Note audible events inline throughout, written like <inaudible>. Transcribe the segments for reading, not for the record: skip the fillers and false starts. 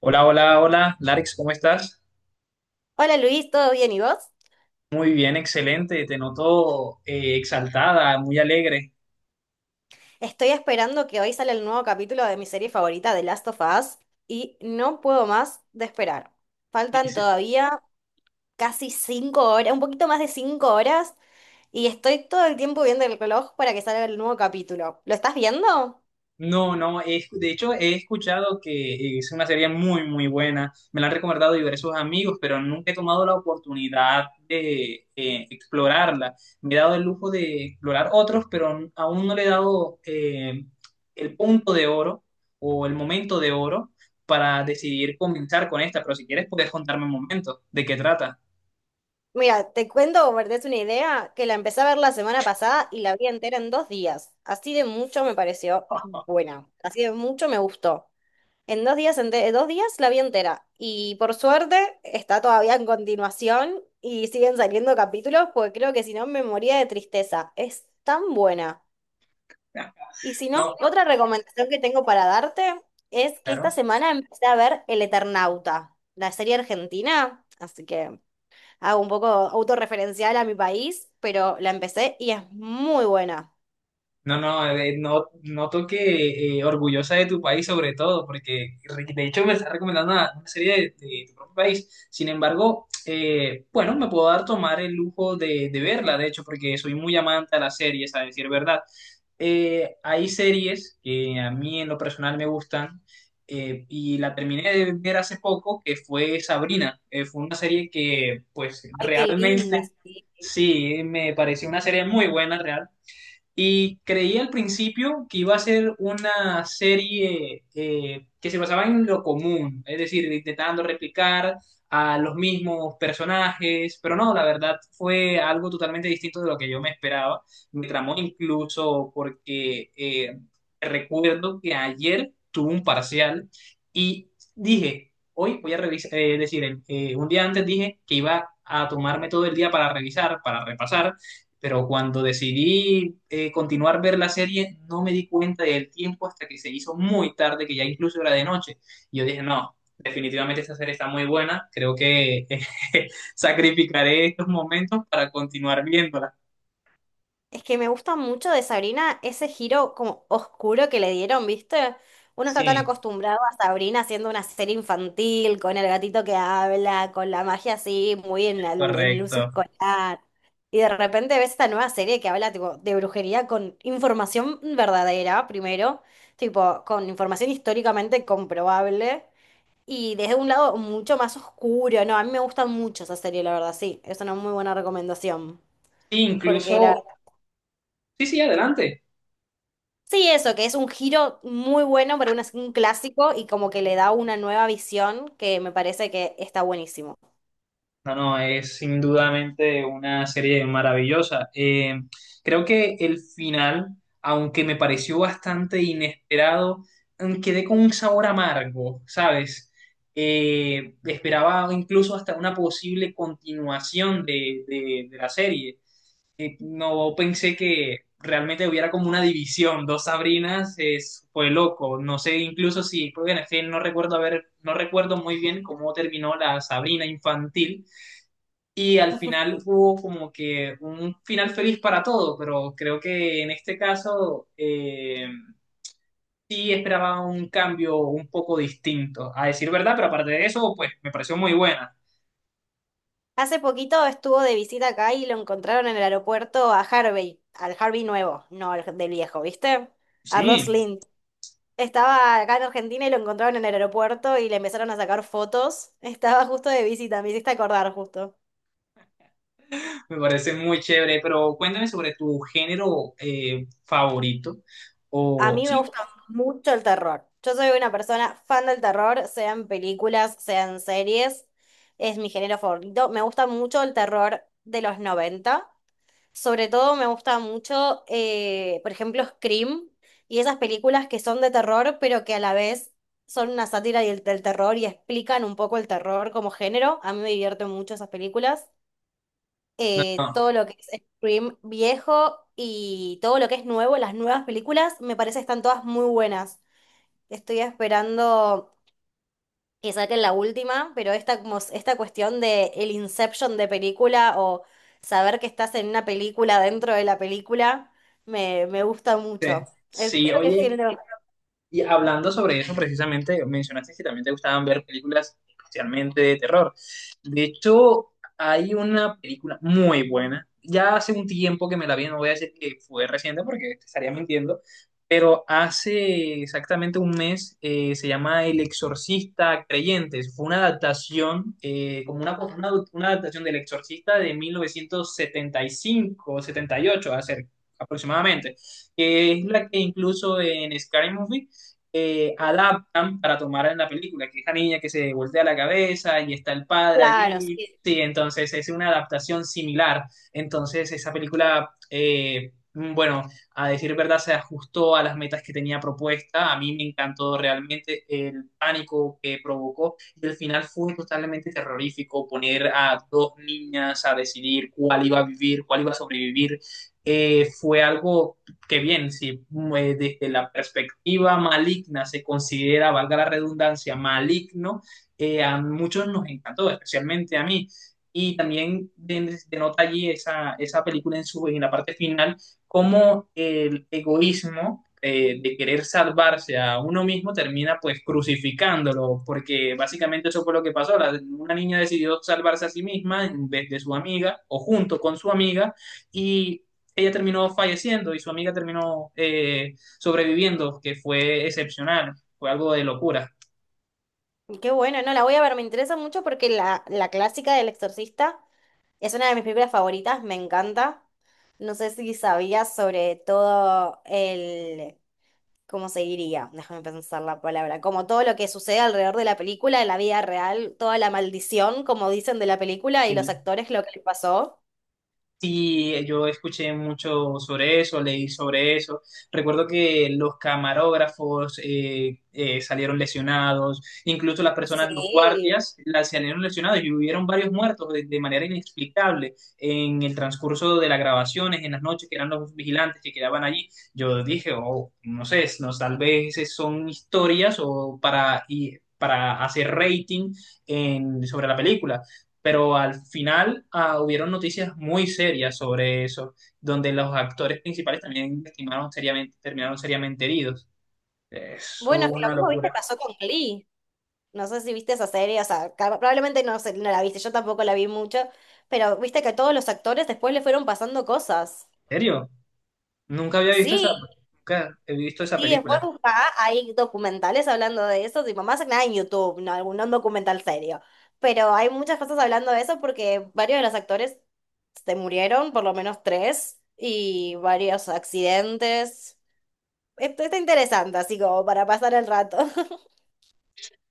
Hola, hola, hola, Larix, ¿cómo estás? Hola Luis, ¿todo bien y vos? Muy bien, excelente, te noto exaltada, muy alegre. Estoy esperando que hoy sale el nuevo capítulo de mi serie favorita, The Last of Us, y no puedo más de esperar. Faltan Dice, todavía casi 5 horas, un poquito más de 5 horas, y estoy todo el tiempo viendo el reloj para que salga el nuevo capítulo. ¿Lo estás viendo? No, no, he escu- De hecho he escuchado que es una serie muy, muy buena, me la han recomendado diversos amigos, pero nunca he tomado la oportunidad de explorarla. Me he dado el lujo de explorar otros, pero aún no le he dado el punto de oro o el momento de oro para decidir comenzar con esta, pero si quieres puedes contarme un momento de qué trata. Mira, te cuento, como para que te es una idea, que la empecé a ver la semana pasada y la vi entera en 2 días. Así de mucho me pareció buena, así de mucho me gustó. En dos días, 2 días la vi entera. Y por suerte está todavía en continuación y siguen saliendo capítulos porque creo que si no me moría de tristeza. Es tan buena. Y si <laughs> no, No, otra recomendación que tengo para darte es que esta claro. semana empecé a ver El Eternauta, la serie argentina. Así que hago un poco autorreferencial a mi país, pero la empecé y es muy buena. No, noto que orgullosa de tu país sobre todo, porque de hecho me estás recomendando una serie de tu propio país. Sin embargo, bueno, me puedo dar tomar el lujo de verla, de hecho, porque soy muy amante a las series, a decir verdad. Hay series que a mí en lo personal me gustan y la terminé de ver hace poco, que fue Sabrina. Fue una serie que pues Ay, qué linda, realmente... sí. Sí, me pareció una serie muy buena, real. Y creí al principio que iba a ser una serie que se basaba en lo común, es decir, intentando replicar a los mismos personajes, pero no, la verdad fue algo totalmente distinto de lo que yo me esperaba. Me tramó incluso porque recuerdo que ayer tuve un parcial y dije, hoy voy a revisar, es decir, un día antes dije que iba a tomarme todo el día para revisar, para repasar pero cuando decidí continuar ver la serie, no me di cuenta del tiempo hasta que se hizo muy tarde, que ya incluso era de noche. Y yo dije, no, definitivamente esta serie está muy buena, creo que <laughs> sacrificaré estos momentos para continuar viéndola. Es que me gusta mucho de Sabrina ese giro como oscuro que le dieron, ¿viste? Uno está tan Sí, acostumbrado a Sabrina haciendo una serie infantil, con el gatito que habla, con la magia así, muy en el uso correcto. escolar. Y de repente ves esta nueva serie que habla tipo, de brujería con información verdadera, primero, tipo, con información históricamente comprobable, y desde un lado mucho más oscuro. No, a mí me gusta mucho esa serie, la verdad, sí. Es una muy buena recomendación. Sí, Porque la. incluso, sí, sí, adelante. Sí, eso, que es un giro muy bueno para un clásico y como que le da una nueva visión que me parece que está buenísimo. No, no, es indudablemente una serie maravillosa. Creo que el final, aunque me pareció bastante inesperado, quedé con un sabor amargo, ¿sabes? Esperaba incluso hasta una posible continuación de la serie. No pensé que realmente hubiera como una división, dos Sabrinas, es, fue loco. No sé incluso si, pues, bueno, es que no recuerdo haber, no recuerdo muy bien cómo terminó la Sabrina infantil y al final <laughs> hubo como que un final feliz para todo, pero creo que en este caso sí esperaba un cambio un poco distinto, a decir verdad, pero aparte de eso, pues me pareció muy buena. Hace poquito estuvo de visita acá y lo encontraron en el aeropuerto a Harvey, al Harvey nuevo, no al del viejo, ¿viste? A Ross Sí, Lind. Estaba acá en Argentina y lo encontraron en el aeropuerto y le empezaron a sacar fotos. <laughs> Estaba justo de visita, me hiciste acordar justo. me parece muy chévere, pero cuéntame sobre tu género favorito A o mí me sí, gusta mucho el terror. Yo soy una persona fan del terror, sean películas, sean series. Es mi género favorito. Me gusta mucho el terror de los 90. Sobre todo me gusta mucho, por ejemplo, Scream y esas películas que son de terror, pero que a la vez son una sátira del terror y explican un poco el terror como género. A mí me divierten mucho esas películas, no, todo lo que es Scream viejo y todo lo que es nuevo, las nuevas películas, me parece que están todas muy buenas. Estoy esperando que saquen la última, pero esta, como esta cuestión de el inception de película o saber que estás en una película dentro de la película, me gusta sí, mucho. El sí, tuyo que oye, género. y hablando sobre eso, precisamente mencionaste que también te gustaban ver películas especialmente de terror. De hecho, hay una película muy buena. Ya hace un tiempo que me la vi, no voy a decir que fue reciente porque te estaría mintiendo, pero hace exactamente un mes se llama El Exorcista Creyentes. Fue una adaptación, como una adaptación del Exorcista de 1975 78 aproximadamente, que es la que incluso en Scary Movie adaptan para tomar en la película, que es la niña que se voltea la cabeza y está el padre Claro, allí. sí. Sí, entonces es una adaptación similar. Entonces esa película, bueno, a decir verdad, se ajustó a las metas que tenía propuesta. A mí me encantó realmente el pánico que provocó y el final fue totalmente terrorífico poner a dos niñas a decidir cuál iba a vivir, cuál iba a sobrevivir. Fue algo que bien, si desde la perspectiva maligna se considera, valga la redundancia, maligno, a muchos nos encantó, especialmente a mí. Y también denota allí esa película en la parte final, cómo el egoísmo de querer salvarse a uno mismo termina pues crucificándolo, porque básicamente eso fue lo que pasó. Una niña decidió salvarse a sí misma en vez de su amiga o junto con su amiga y ella terminó falleciendo y su amiga terminó sobreviviendo, que fue excepcional, fue algo de locura. Qué bueno, no, la voy a ver, me interesa mucho porque la clásica del exorcista. Es una de mis películas favoritas, me encanta. No sé si sabías sobre todo el, ¿cómo se diría? Déjame pensar la palabra. Como todo lo que sucede alrededor de la película, en la vida real, toda la maldición, como dicen, de la película y Eh, los actores, lo que les pasó. Sí, yo escuché mucho sobre eso, leí sobre eso. Recuerdo que los camarógrafos salieron lesionados, incluso las personas, los Sí. guardias, las salieron lesionados y hubieron varios muertos de manera inexplicable en el transcurso de las grabaciones, en las noches que eran los vigilantes que quedaban allí. Yo dije, oh, no sé, no, tal vez son historias o para, para hacer rating sobre la película pero al final ah, hubieron noticias muy serias sobre eso, donde los actores principales también lastimaron seriamente, terminaron seriamente heridos. Eso Bueno, es es que lo una mismo, viste, locura. pasó con Glee. No sé si viste esa serie, o sea, probablemente no, no la viste, yo tampoco la vi mucho, pero viste que a todos los actores después le fueron pasando cosas. ¿En serio? Nunca había visto Sí. esa, nunca he visto esa Y después película. buscá, hay documentales hablando de eso, tipo, más que nada en YouTube, no algún no un documental serio. Pero hay muchas cosas hablando de eso porque varios de los actores se murieron, por lo menos tres, y varios accidentes. Esto está interesante, así como para pasar el rato. <laughs>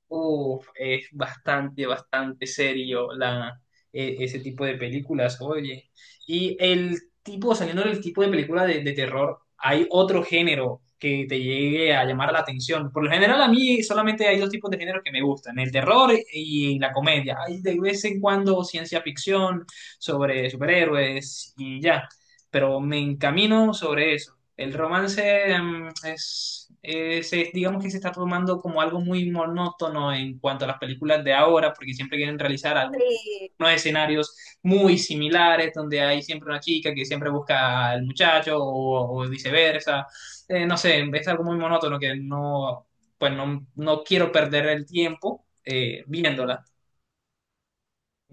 Uf, es bastante, bastante serio la, ese tipo de películas, oye. Y el tipo, saliendo del tipo de película de terror, hay otro género que te llegue a llamar la atención. Por lo general, a mí solamente hay dos tipos de géneros que me gustan, el terror y la comedia. Hay de vez en cuando ciencia ficción sobre superhéroes y ya, pero me encamino sobre eso. El romance digamos que se está tomando como algo muy monótono en cuanto a las películas de ahora, porque siempre quieren realizar Sí. unos escenarios muy similares, donde hay siempre una chica que siempre busca al muchacho o viceversa. No sé, es algo muy monótono que no, pues no, no quiero perder el tiempo viéndola.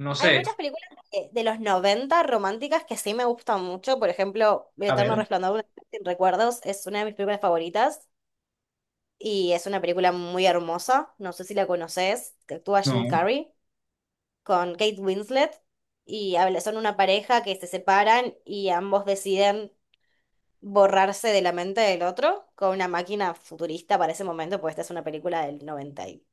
No Hay sé, muchas películas de los 90 románticas que sí me gustan mucho. Por ejemplo, El a Eterno ver, Resplandor de una mente sin recuerdos es una de mis películas favoritas. Y es una película muy hermosa, no sé si la conoces, que actúa Jim no. Carrey con Kate Winslet y son una pareja que se separan y ambos deciden borrarse de la mente del otro con una máquina futurista para ese momento, pues esta es una película del noventa y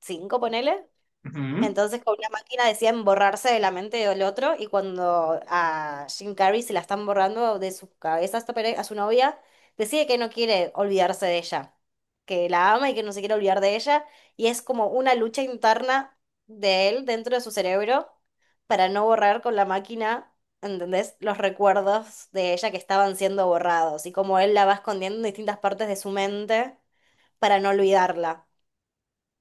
cinco ponele. Ujú. Entonces con una máquina decían borrarse de la mente del otro y cuando a Jim Carrey se la están borrando de su cabeza a su novia, decide que no quiere olvidarse de ella, que la ama y que no se quiere olvidar de ella y es como una lucha interna de él dentro de su cerebro para no borrar con la máquina, ¿entendés? Los recuerdos de ella que estaban siendo borrados y como él la va escondiendo en distintas partes de su mente para no olvidarla.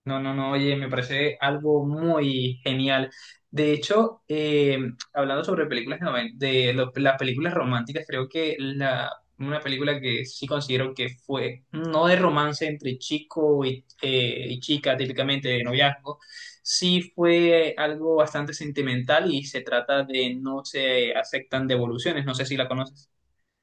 No, no, no, oye, me parece algo muy genial. De hecho, hablando sobre películas de las películas románticas, creo que una película que sí considero que fue no de romance entre chico y chica, típicamente de noviazgo, sí fue algo bastante sentimental y se trata de No se aceptan devoluciones, no sé si la conoces.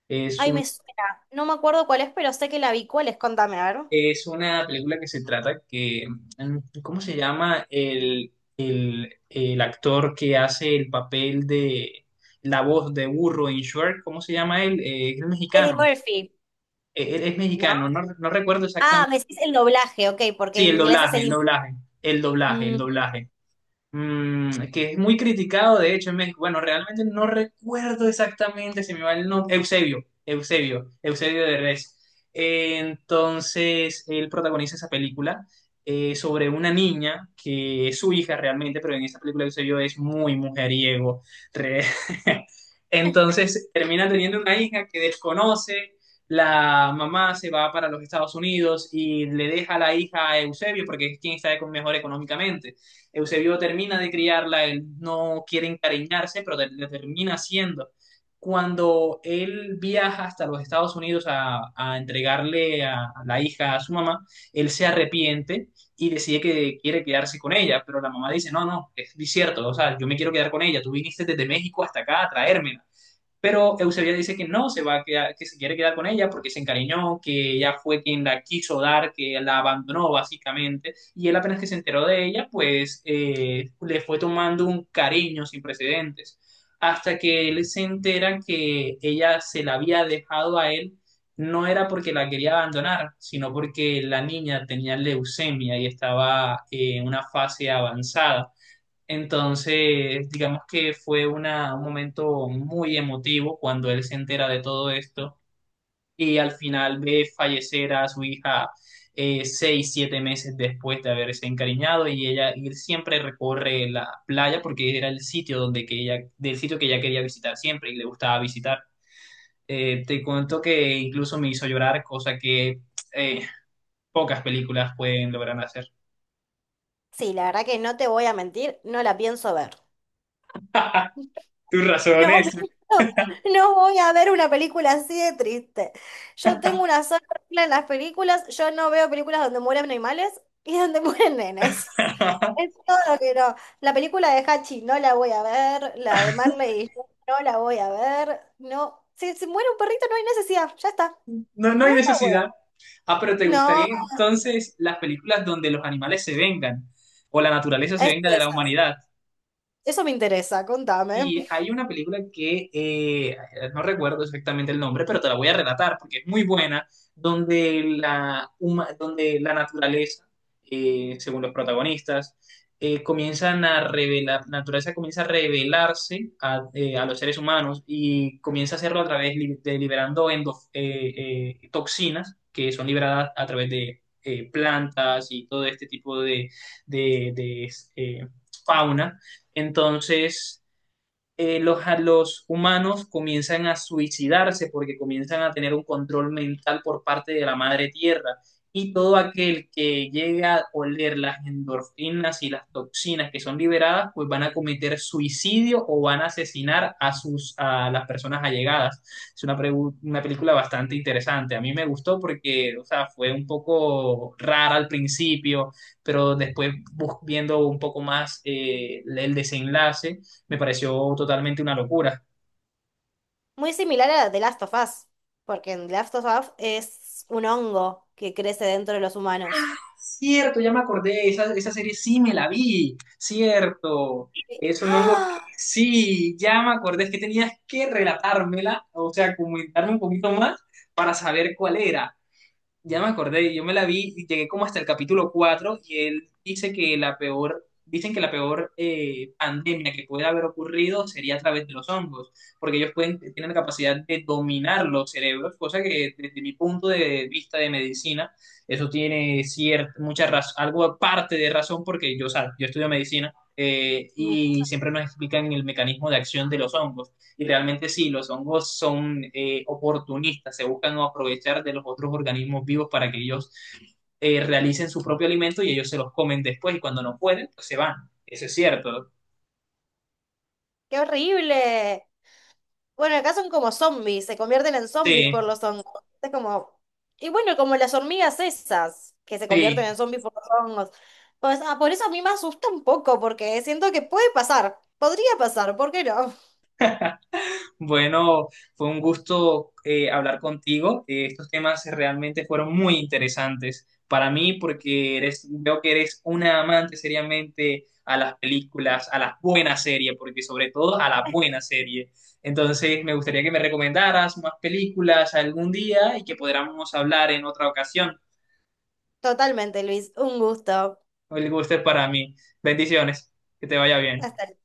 es Ay, me suena. No me acuerdo cuál es, pero sé que la vi. ¿Cuál es? Contame, a ver. Es una película que se trata que, mm, ¿cómo se llama? El actor que hace el papel de la voz de burro en Shrek, ¿cómo se llama él? Es Eddie mexicano, Murphy. Él es ¿No? mexicano, no, no recuerdo Ah, exactamente. me decís el doblaje, ok, porque Sí, en inglés es Eddie Murphy. El Mm. doblaje. Mm, que es muy criticado, de hecho, en México. Bueno, realmente no recuerdo exactamente, se me va el nombre. Eusebio de Res. Entonces, él protagoniza esa película sobre una niña que es su hija realmente, pero en esa película Eusebio es muy mujeriego. Re- <laughs> Entonces, termina teniendo una hija que desconoce. La mamá se va para los Estados Unidos y le deja la hija a Eusebio porque es quien está mejor económicamente. Eusebio termina de criarla, él no quiere encariñarse, pero le termina haciendo. Cuando él viaja hasta los Estados Unidos a entregarle a la hija a su mamá, él se arrepiente y decide que quiere quedarse con ella, pero la mamá dice, no, no, es cierto, o sea, yo me quiero quedar con ella, tú viniste desde México hasta acá a traérmela. Pero Eusebia dice que no, se va a quedar- que se quiere quedar con ella porque se encariñó, que ella fue quien la quiso dar, que la abandonó básicamente. Y él apenas que se enteró de ella, pues le fue tomando un cariño sin precedentes. Hasta que él se entera que ella se la había dejado a él, no era porque la quería abandonar, sino porque la niña tenía leucemia y estaba en una fase avanzada. Entonces, digamos que fue un momento muy emotivo cuando él se entera de todo esto y al final ve fallecer a su hija seis, siete meses después de haberse encariñado y ella y él siempre recorre la playa porque era el sitio donde que ella, del sitio que ella quería visitar siempre y le gustaba visitar. Te cuento que incluso me hizo llorar, cosa que eh, pocas películas pueden lograr hacer. Sí, la verdad que no te voy a mentir, no la pienso ver. Tus No, razones. <laughs> no, no voy a ver una película así de triste. Yo tengo una sola regla en las películas, yo no veo películas donde mueren animales y donde <laughs> mueren nenes. Es <laughs> todo que no. La película de Hachi no la voy a ver, la de Marley y yo no la voy a ver. No, si se muere un perrito no hay necesidad, ya está. No, no No hay la voy a. necesidad. Ah, pero ¿te No, gustarían entonces las películas donde los animales se vengan o la naturaleza se eso venga de es. la humanidad? Eso me interesa, contame. Y hay una película que no recuerdo exactamente el nombre, pero te la voy a relatar porque es muy buena, donde donde la naturaleza, según los protagonistas, comienzan a revelar, la naturaleza comienza a revelarse a los seres humanos y comienza a hacerlo a través de liberando toxinas que son liberadas a través de plantas y todo este tipo de, eh, fauna. Entonces los humanos comienzan a suicidarse porque comienzan a tener un control mental por parte de la madre tierra. Y todo aquel que llega a oler las endorfinas y las toxinas que son liberadas, pues van a cometer suicidio o van a asesinar a las personas allegadas. Es una película bastante interesante. A mí me gustó porque, o sea, fue un poco rara al principio, pero después viendo un poco más el desenlace me pareció totalmente una locura. Muy similar a la de Last of Us, porque en The Last of Us es un hongo que crece dentro de los humanos. Cierto, ya me acordé, esa serie sí me la vi, cierto. Es un hongo que ¡Ah! sí, ya me acordé, es que tenías que relatármela, o sea, comentarme un poquito más para saber cuál era. Ya me acordé, yo me la vi y llegué como hasta el capítulo 4 y él dice que la peor, dicen que la peor pandemia que puede haber ocurrido sería a través de los hongos, porque ellos pueden, tienen la capacidad de dominar los cerebros, cosa que desde mi punto de vista de medicina, eso tiene cierta, mucha razón, algo aparte de razón, porque yo, o sea, yo estudio medicina Mi-. y siempre nos explican el mecanismo de acción de los hongos. Y realmente sí, los hongos son oportunistas, se buscan aprovechar de los otros organismos vivos para que ellos realicen su propio alimento y ellos se los comen después y cuando no pueden, pues se van. Eso es cierto. ¡Qué horrible! Bueno, acá son como zombies, se convierten en zombies Sí, por los hongos. Es como. Y bueno, como las hormigas esas, que se convierten sí. en zombies por los hongos. Pues, ah, por eso a mí me asusta un poco, porque siento que puede pasar. Podría pasar, ¿por qué no? Bueno, fue un gusto hablar contigo. Estos temas realmente fueron muy interesantes para mí porque eres, veo que eres una amante seriamente a las películas, a las buenas series, porque sobre todo a la buena serie. Entonces, me gustaría que me recomendaras más películas algún día y que podamos hablar en otra ocasión. Totalmente, Luis. Un gusto. El gusto es para mí. Bendiciones. Que te vaya bien. Hasta luego.